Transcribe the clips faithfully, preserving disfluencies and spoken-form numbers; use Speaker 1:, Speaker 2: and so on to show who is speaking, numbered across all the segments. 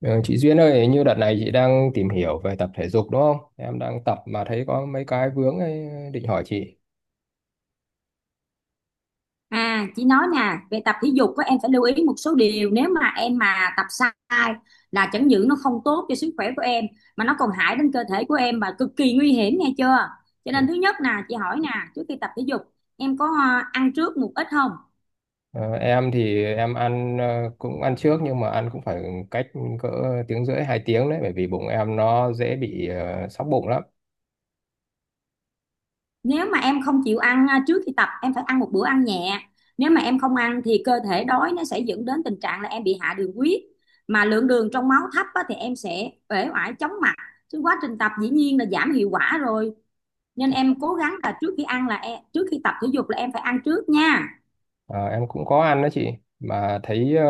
Speaker 1: Ờ, chị Duyên ơi, hình như đợt này chị đang tìm hiểu về tập thể dục đúng không? Em đang tập mà thấy có mấy cái vướng ấy, định hỏi chị.
Speaker 2: À, chị nói nè, về tập thể dục á, em phải lưu ý một số điều nếu mà em mà tập sai là chẳng những nó không tốt cho sức khỏe của em mà nó còn hại đến cơ thể của em và cực kỳ nguy hiểm nghe chưa? Cho nên thứ nhất nè, chị hỏi nè, trước khi tập thể dục em có à, ăn trước một ít không?
Speaker 1: Ờ, em thì em ăn ờ, cũng ăn trước nhưng mà ăn cũng phải cách cỡ tiếng rưỡi hai tiếng đấy, bởi vì bụng em nó dễ bị ờ, sóc bụng lắm.
Speaker 2: Nếu mà em không chịu ăn à, trước khi tập em phải ăn một bữa ăn nhẹ. Nếu mà em không ăn thì cơ thể đói nó sẽ dẫn đến tình trạng là em bị hạ đường huyết mà lượng đường trong máu thấp á, thì em sẽ uể oải chóng mặt. Chứ quá trình tập dĩ nhiên là giảm hiệu quả rồi, nên em cố gắng là trước khi ăn là em, trước khi tập thể dục là em phải ăn trước nha.
Speaker 1: Ờ, em cũng có ăn đó chị, mà thấy ờ,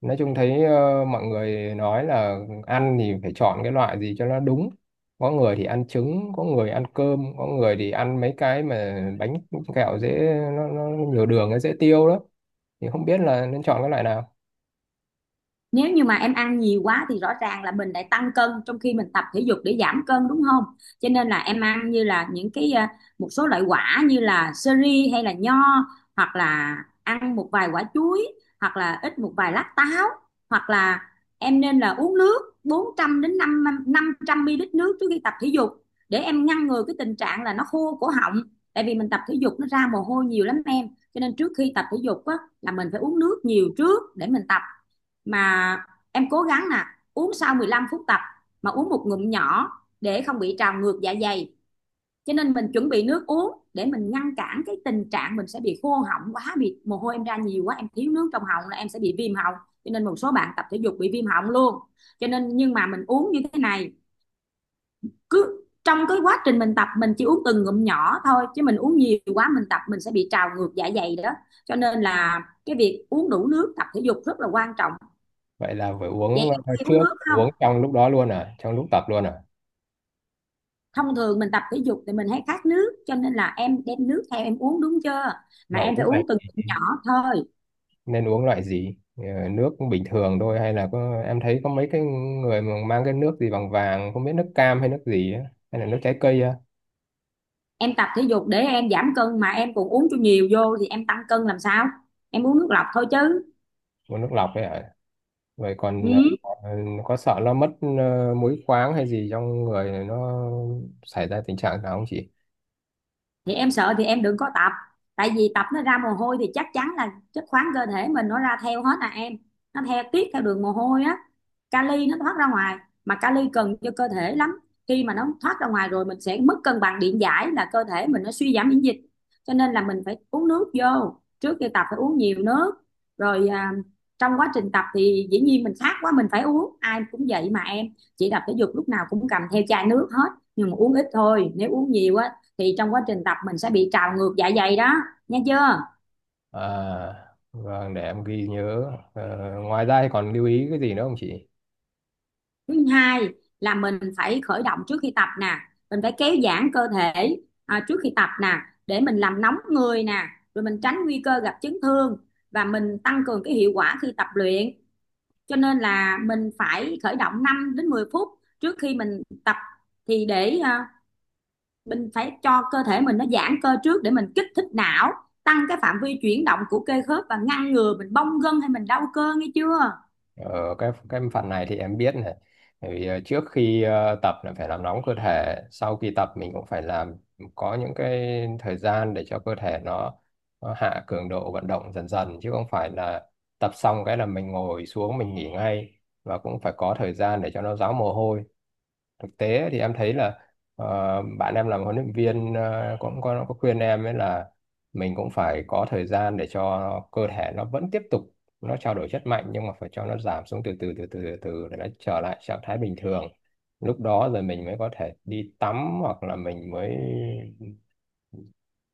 Speaker 1: nói chung thấy ờ, mọi người nói là ăn thì phải chọn cái loại gì cho nó đúng. Có người thì ăn trứng, có người ăn cơm, có người thì ăn mấy cái mà bánh kẹo dễ, nó, nó nhiều đường nó dễ tiêu đó, thì không biết là nên chọn cái loại nào.
Speaker 2: Nếu như mà em ăn nhiều quá thì rõ ràng là mình lại tăng cân trong khi mình tập thể dục để giảm cân đúng không. Cho nên là em ăn như là những cái à, một số loại quả như là sơ ri hay là nho, hoặc là ăn một vài quả chuối, hoặc là ít một vài lát táo, hoặc là em nên là uống nước bốn trăm đến năm năm trăm ml nước trước khi tập thể dục để em ngăn ngừa cái tình trạng là nó khô cổ họng, tại vì mình tập thể dục nó ra mồ hôi nhiều lắm em. Cho nên trước khi tập thể dục á, là mình phải uống nước nhiều trước để mình tập. Mà em cố gắng nè, uống sau mười lăm phút tập mà uống một ngụm nhỏ để không bị trào ngược dạ dày. Cho nên mình chuẩn bị nước uống để mình ngăn cản cái tình trạng mình sẽ bị khô họng quá, bị mồ hôi em ra nhiều quá, em thiếu nước trong họng là em sẽ bị viêm họng. Cho nên một số bạn tập thể dục bị viêm họng luôn. Cho nên nhưng mà mình uống như thế này, cứ trong cái quá trình mình tập mình chỉ uống từng ngụm nhỏ thôi, chứ mình uống nhiều quá mình tập mình sẽ bị trào ngược dạ dày đó. Cho nên là cái việc uống đủ nước tập thể dục rất là quan trọng.
Speaker 1: Vậy là phải
Speaker 2: Vậy
Speaker 1: uống
Speaker 2: em có
Speaker 1: ờ,
Speaker 2: hay uống
Speaker 1: trước,
Speaker 2: nước không?
Speaker 1: uống trong lúc đó luôn à, trong lúc tập luôn à?
Speaker 2: Thông thường mình tập thể dục thì mình hay khát nước, cho nên là em đem nước theo em uống đúng chưa. Mà
Speaker 1: Mà
Speaker 2: em phải
Speaker 1: uống này
Speaker 2: uống từng ngụm nhỏ thôi.
Speaker 1: nên uống loại gì? Ờ, Nước bình thường thôi hay là có, em thấy có mấy cái người mà mang cái nước gì bằng vàng không biết, nước cam hay nước gì á, hay là nước trái cây á?
Speaker 2: Em tập thể dục để em giảm cân mà em còn uống cho nhiều vô thì em tăng cân làm sao. Em uống nước lọc thôi chứ.
Speaker 1: Uống nước lọc ấy à? Vậy còn
Speaker 2: Ừ.
Speaker 1: ờ, có sợ nó mất ờ, muối khoáng hay gì trong người này nó xảy ra tình trạng nào không chị?
Speaker 2: Thì em sợ thì em đừng có tập. Tại vì tập nó ra mồ hôi thì chắc chắn là chất khoáng cơ thể mình nó ra theo hết à em, nó theo tiết theo đường mồ hôi á, kali nó thoát ra ngoài, mà kali cần cho cơ thể lắm. Khi mà nó thoát ra ngoài rồi mình sẽ mất cân bằng điện giải, là cơ thể mình nó suy giảm miễn dịch. Cho nên là mình phải uống nước vô trước khi tập, phải uống nhiều nước. Rồi à, trong quá trình tập thì dĩ nhiên mình khát quá mình phải uống, ai cũng vậy mà em. Chị tập thể dục lúc nào cũng cầm theo chai nước hết, nhưng mà uống ít thôi, nếu uống nhiều á thì trong quá trình tập mình sẽ bị trào ngược dạ dày đó, nha chưa.
Speaker 1: À, vâng, để em ghi nhớ. Ờ, ngoài ra thì còn lưu ý cái gì nữa không chị?
Speaker 2: Thứ hai là mình phải khởi động trước khi tập nè, mình phải kéo giãn cơ thể à, trước khi tập nè, để mình làm nóng người nè, rồi mình tránh nguy cơ gặp chấn thương và mình tăng cường cái hiệu quả khi tập luyện. Cho nên là mình phải khởi động năm đến mười phút trước khi mình tập, thì để à, mình phải cho cơ thể mình nó giãn cơ trước để mình kích thích não, tăng cái phạm vi chuyển động của cơ khớp và ngăn ngừa mình bong gân hay mình đau cơ nghe chưa.
Speaker 1: Ở cái cái phần này thì em biết này. Bởi vì ờ, trước khi ờ, tập là phải làm nóng cơ thể, sau khi tập mình cũng phải làm, có những cái thời gian để cho cơ thể nó, nó hạ cường độ vận động dần dần, chứ không phải là tập xong cái là mình ngồi xuống mình nghỉ ngay, và cũng phải có thời gian để cho nó ráo mồ hôi. Thực tế thì em thấy là ờ, bạn em làm huấn luyện viên ờ, cũng có, có khuyên em ấy là mình cũng phải có thời gian để cho cơ thể nó vẫn tiếp tục, nó trao đổi chất mạnh, nhưng mà phải cho nó giảm xuống từ từ từ từ từ từ để nó trở lại trạng thái bình thường, lúc đó rồi mình mới có thể đi tắm hoặc là mình mới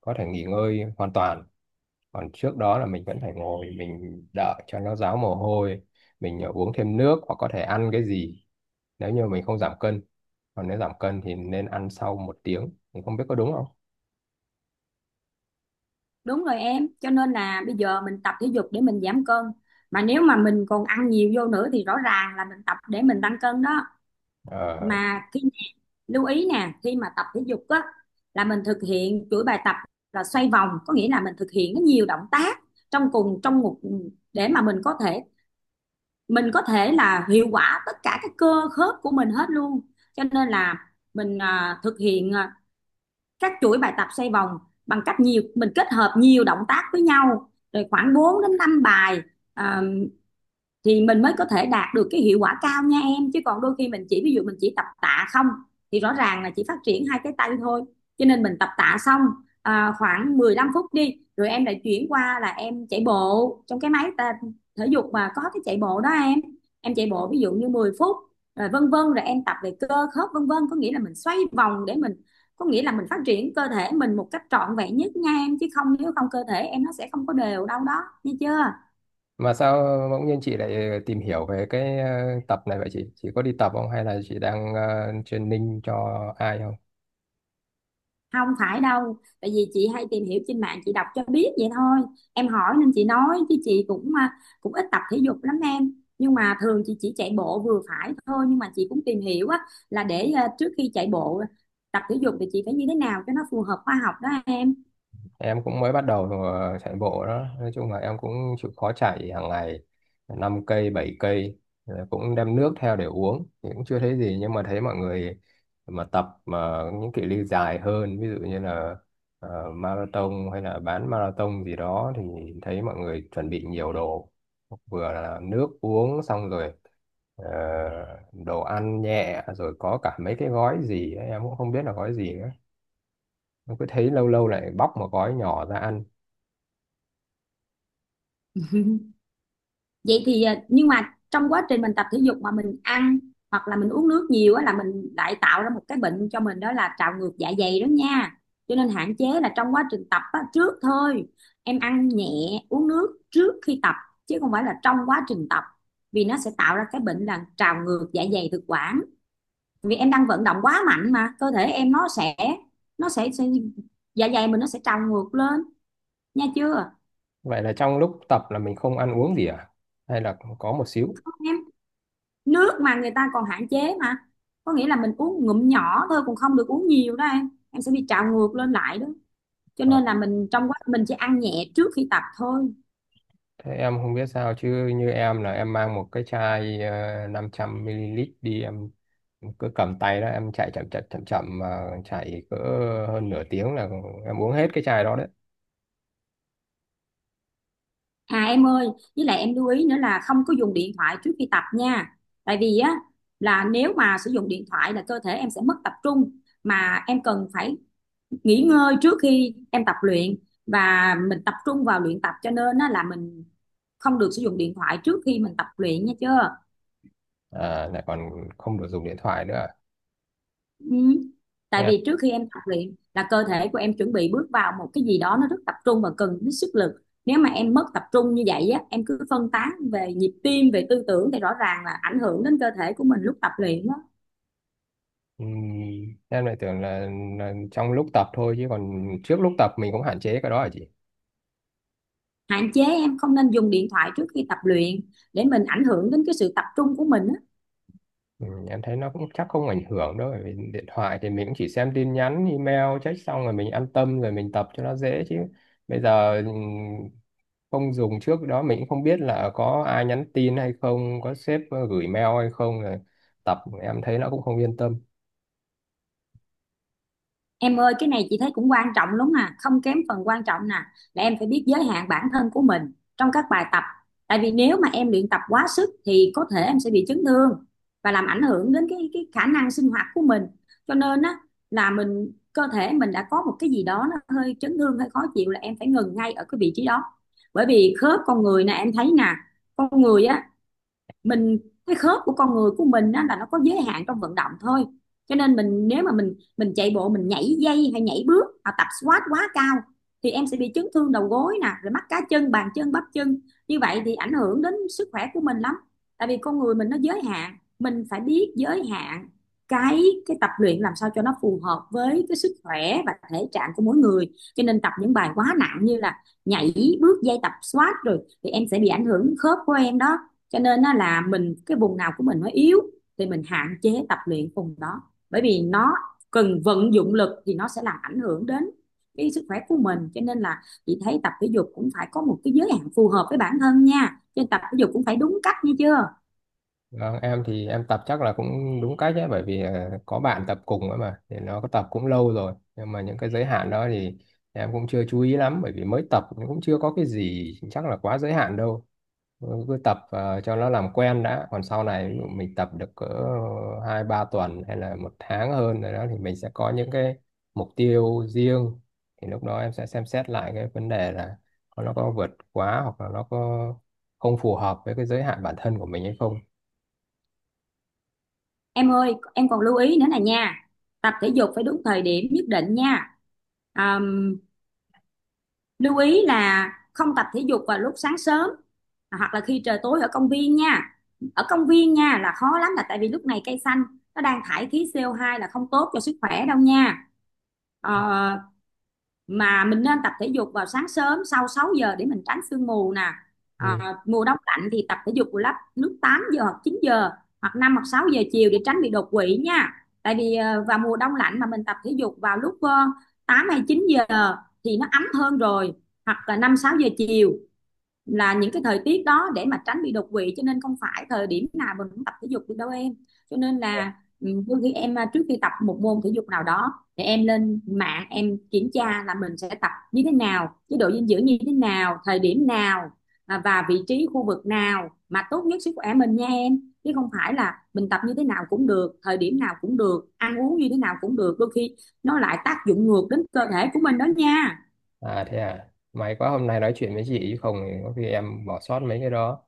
Speaker 1: có thể nghỉ ngơi hoàn toàn. Còn trước đó là mình vẫn phải ngồi mình đợi cho nó ráo mồ hôi, mình ờ, uống thêm nước hoặc có thể ăn cái gì nếu như mình không giảm cân. Còn nếu giảm cân thì nên ăn sau một tiếng, mình không biết có đúng không.
Speaker 2: Đúng rồi em, cho nên là bây giờ mình tập thể dục để mình giảm cân. Mà nếu mà mình còn ăn nhiều vô nữa thì rõ ràng là mình tập để mình tăng cân đó.
Speaker 1: Ờ.
Speaker 2: Mà khi lưu ý nè, khi mà tập thể dục á là mình thực hiện chuỗi bài tập là xoay vòng, có nghĩa là mình thực hiện nó nhiều động tác trong cùng trong một, để mà mình có thể mình có thể là hiệu quả tất cả các cơ khớp của mình hết luôn. Cho nên là mình à, thực hiện à, các chuỗi bài tập xoay vòng, bằng cách nhiều mình kết hợp nhiều động tác với nhau rồi khoảng bốn đến năm bài, à, thì mình mới có thể đạt được cái hiệu quả cao nha em. Chứ còn đôi khi mình chỉ, ví dụ mình chỉ tập tạ không thì rõ ràng là chỉ phát triển hai cái tay thôi. Cho nên mình tập tạ xong à, khoảng mười lăm phút đi, rồi em lại chuyển qua là em chạy bộ trong cái máy ta, thể dục mà có cái chạy bộ đó em em chạy bộ ví dụ như mười phút rồi vân vân, rồi em tập về cơ khớp vân vân, có nghĩa là mình xoay vòng để mình, có nghĩa là mình phát triển cơ thể mình một cách trọn vẹn nhất nha em, chứ không nếu không cơ thể em nó sẽ không có đều đâu đó, nghe chưa.
Speaker 1: Mà sao bỗng nhiên chị lại tìm hiểu về cái ờ, tập này vậy chị? Chị có đi tập không hay là chị đang ờ, training cho ai không?
Speaker 2: Không phải đâu, tại vì chị hay tìm hiểu trên mạng, chị đọc cho biết vậy thôi. Em hỏi nên chị nói, chứ chị cũng à, cũng ít tập thể dục lắm em. Nhưng mà thường chị chỉ chạy bộ vừa phải thôi, nhưng mà chị cũng tìm hiểu á là để à, trước khi chạy bộ tập thể dục thì chị phải như thế nào cho nó phù hợp khoa học đó em.
Speaker 1: Em cũng mới bắt đầu ờ, chạy bộ đó, nói chung là em cũng chịu khó chạy hàng ngày, năm cây bảy cây. Rồi cũng đem nước theo để uống thì cũng chưa thấy gì, nhưng mà thấy mọi người mà tập mà những cự ly dài hơn, ví dụ như là ờ, marathon hay là bán marathon gì đó, thì thấy mọi người chuẩn bị nhiều đồ, vừa là nước uống, xong rồi ờ, đồ ăn nhẹ, rồi có cả mấy cái gói gì ấy, em cũng không biết là gói gì nữa, em cứ thấy lâu lâu lại bóc một gói nhỏ ra ăn.
Speaker 2: Vậy thì à, nhưng mà trong quá trình mình tập thể dục mà mình ăn hoặc là mình uống nước nhiều á, là mình lại tạo ra một cái bệnh cho mình, đó là trào ngược dạ dày đó nha. Cho nên hạn chế là trong quá trình tập á, trước thôi em ăn nhẹ, uống nước trước khi tập, chứ không phải là trong quá trình tập, vì nó sẽ tạo ra cái bệnh là trào ngược dạ dày thực quản. Vì em đang vận động quá mạnh mà cơ thể em nó sẽ nó sẽ, sẽ dạ dày mình nó sẽ trào ngược lên, nha chưa.
Speaker 1: Vậy là trong lúc tập là mình không ăn uống gì à? Hay là có một xíu?
Speaker 2: Nước mà người ta còn hạn chế mà, có nghĩa là mình uống ngụm nhỏ thôi, cũng không được uống nhiều đó em em sẽ bị trào ngược lên lại đó. Cho
Speaker 1: Ờ,
Speaker 2: nên là mình trong quá mình chỉ ăn nhẹ trước khi tập thôi.
Speaker 1: thế em không biết sao chứ như em là em mang một cái chai ờ, năm trăm mi li lít đi, em cứ cầm tay đó, em chạy chậm chậm chậm chậm mà chạy cỡ hơn nửa tiếng là em uống hết cái chai đó đấy.
Speaker 2: À em ơi, với lại em lưu ý nữa là không có dùng điện thoại trước khi tập nha. Tại vì á là nếu mà sử dụng điện thoại là cơ thể em sẽ mất tập trung, mà em cần phải nghỉ ngơi trước khi em tập luyện, và mình tập trung vào luyện tập. Cho nên á, là mình không được sử dụng điện thoại trước khi mình tập luyện, nha chưa.
Speaker 1: À, lại còn không được dùng điện thoại nữa à?
Speaker 2: Ừ. Tại
Speaker 1: Em
Speaker 2: vì trước khi em tập luyện là cơ thể của em chuẩn bị bước vào một cái gì đó nó rất tập trung và cần đến sức lực. Nếu mà em mất tập trung như vậy á, em cứ phân tán về nhịp tim, về tư tưởng thì rõ ràng là ảnh hưởng đến cơ thể của mình lúc tập luyện đó.
Speaker 1: ừm, em lại tưởng là, là trong lúc tập thôi, chứ còn trước lúc tập mình cũng hạn chế cái đó hả chị?
Speaker 2: Hạn chế, em không nên dùng điện thoại trước khi tập luyện để mình ảnh hưởng đến cái sự tập trung của mình á.
Speaker 1: Ừ, em thấy nó cũng chắc không ảnh hưởng đâu, bởi vì điện thoại thì mình cũng chỉ xem tin nhắn email check xong rồi mình an tâm rồi mình tập cho nó dễ, chứ bây giờ ừ, không dùng trước đó mình cũng không biết là có ai nhắn tin hay không, có sếp ờ, gửi mail hay không, rồi tập em thấy nó cũng không yên tâm.
Speaker 2: Em ơi, cái này chị thấy cũng quan trọng lắm, à, không kém phần quan trọng nè, là em phải biết giới hạn bản thân của mình trong các bài tập. Tại vì nếu mà em luyện tập quá sức thì có thể em sẽ bị chấn thương và làm ảnh hưởng đến cái cái khả năng sinh hoạt của mình. Cho nên á là mình, cơ thể mình đã có một cái gì đó nó hơi chấn thương, hơi khó chịu là em phải ngừng ngay ở cái vị trí đó. Bởi vì khớp con người nè, em thấy nè, con người á, mình, cái khớp của con người của mình á, là nó có giới hạn trong vận động thôi. Cho nên mình, nếu mà mình mình chạy bộ, mình nhảy dây hay nhảy bước, hoặc tập squat quá cao thì em sẽ bị chấn thương đầu gối nè, rồi mắt cá chân, bàn chân, bắp chân, như vậy thì ảnh hưởng đến sức khỏe của mình lắm. Tại vì con người mình nó giới hạn, mình phải biết giới hạn cái cái tập luyện làm sao cho nó phù hợp với cái sức khỏe và thể trạng của mỗi người. Cho nên tập những bài quá nặng như là nhảy bước dây, tập squat rồi thì em sẽ bị ảnh hưởng khớp của em đó. Cho nên nó là mình, cái vùng nào của mình nó yếu thì mình hạn chế tập luyện vùng đó, bởi vì nó cần vận dụng lực thì nó sẽ làm ảnh hưởng đến cái sức khỏe của mình. Cho nên là chị thấy tập thể dục cũng phải có một cái giới hạn phù hợp với bản thân nha, cho nên tập thể dục cũng phải đúng cách nghe chưa.
Speaker 1: Vâng, em thì em tập chắc là cũng đúng cách ấy, bởi vì ờ, có bạn tập cùng ấy mà, thì nó có tập cũng lâu rồi, nhưng mà những cái giới hạn đó thì em cũng chưa chú ý lắm, bởi vì mới tập cũng chưa có cái gì chắc là quá giới hạn đâu. Ừ, cứ tập ờ, cho nó làm quen đã, còn sau này ví dụ mình tập được cỡ hai ba tuần hay là một tháng hơn rồi đó, thì mình sẽ có những cái mục tiêu riêng, thì lúc đó em sẽ xem xét lại cái vấn đề là nó có vượt quá hoặc là nó có không phù hợp với cái giới hạn bản thân của mình hay không.
Speaker 2: Em ơi, em còn lưu ý nữa nè nha, tập thể dục phải đúng thời điểm nhất định nha. à, Lưu ý là không tập thể dục vào lúc sáng sớm hoặc là khi trời tối ở công viên nha, ở công viên nha là khó lắm, là tại vì lúc này cây xanh nó đang thải khí CO hai là không tốt cho sức khỏe đâu nha. Ờ, mà mình nên tập thể dục vào sáng sớm sau sáu giờ để mình tránh sương mù nè. à,
Speaker 1: Ừ.
Speaker 2: Mùa đông lạnh thì tập thể dục vào lúc lúc tám giờ hoặc chín giờ, hoặc năm hoặc sáu giờ chiều để tránh bị đột quỵ nha. Tại vì ờ, vào mùa đông lạnh mà mình tập thể dục vào lúc ờ, tám hay chín giờ thì nó ấm hơn rồi, hoặc là năm sáu giờ chiều, là những cái thời tiết đó để mà tránh bị đột quỵ. Cho nên không phải thời điểm nào mình cũng tập thể dục được đâu em. Cho nên là ừ, đôi khi em à, trước khi tập một môn thể dục nào đó, để em lên mạng em kiểm tra là mình sẽ tập như thế nào, chế độ dinh dưỡng như thế nào, thời điểm nào, à, và vị trí khu vực nào mà tốt nhất sức khỏe mình nha em. Chứ không phải là mình tập như thế nào cũng được, thời điểm nào cũng được, ăn uống như thế nào cũng được, đôi khi nó lại tác dụng ngược đến cơ thể của mình đó nha.
Speaker 1: À thế à, may quá hôm nay nói chuyện với chị chứ không thì có khi em bỏ sót mấy cái đó.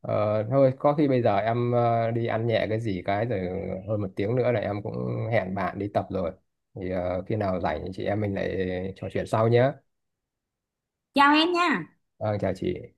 Speaker 1: Ờ, thôi có khi bây giờ em ờ, đi ăn nhẹ cái gì cái, rồi hơn một tiếng nữa là em cũng hẹn bạn đi tập rồi. Thì ờ, khi nào rảnh thì chị em mình lại trò chuyện sau nhé.
Speaker 2: Chào em nha.
Speaker 1: Vâng, chào chị.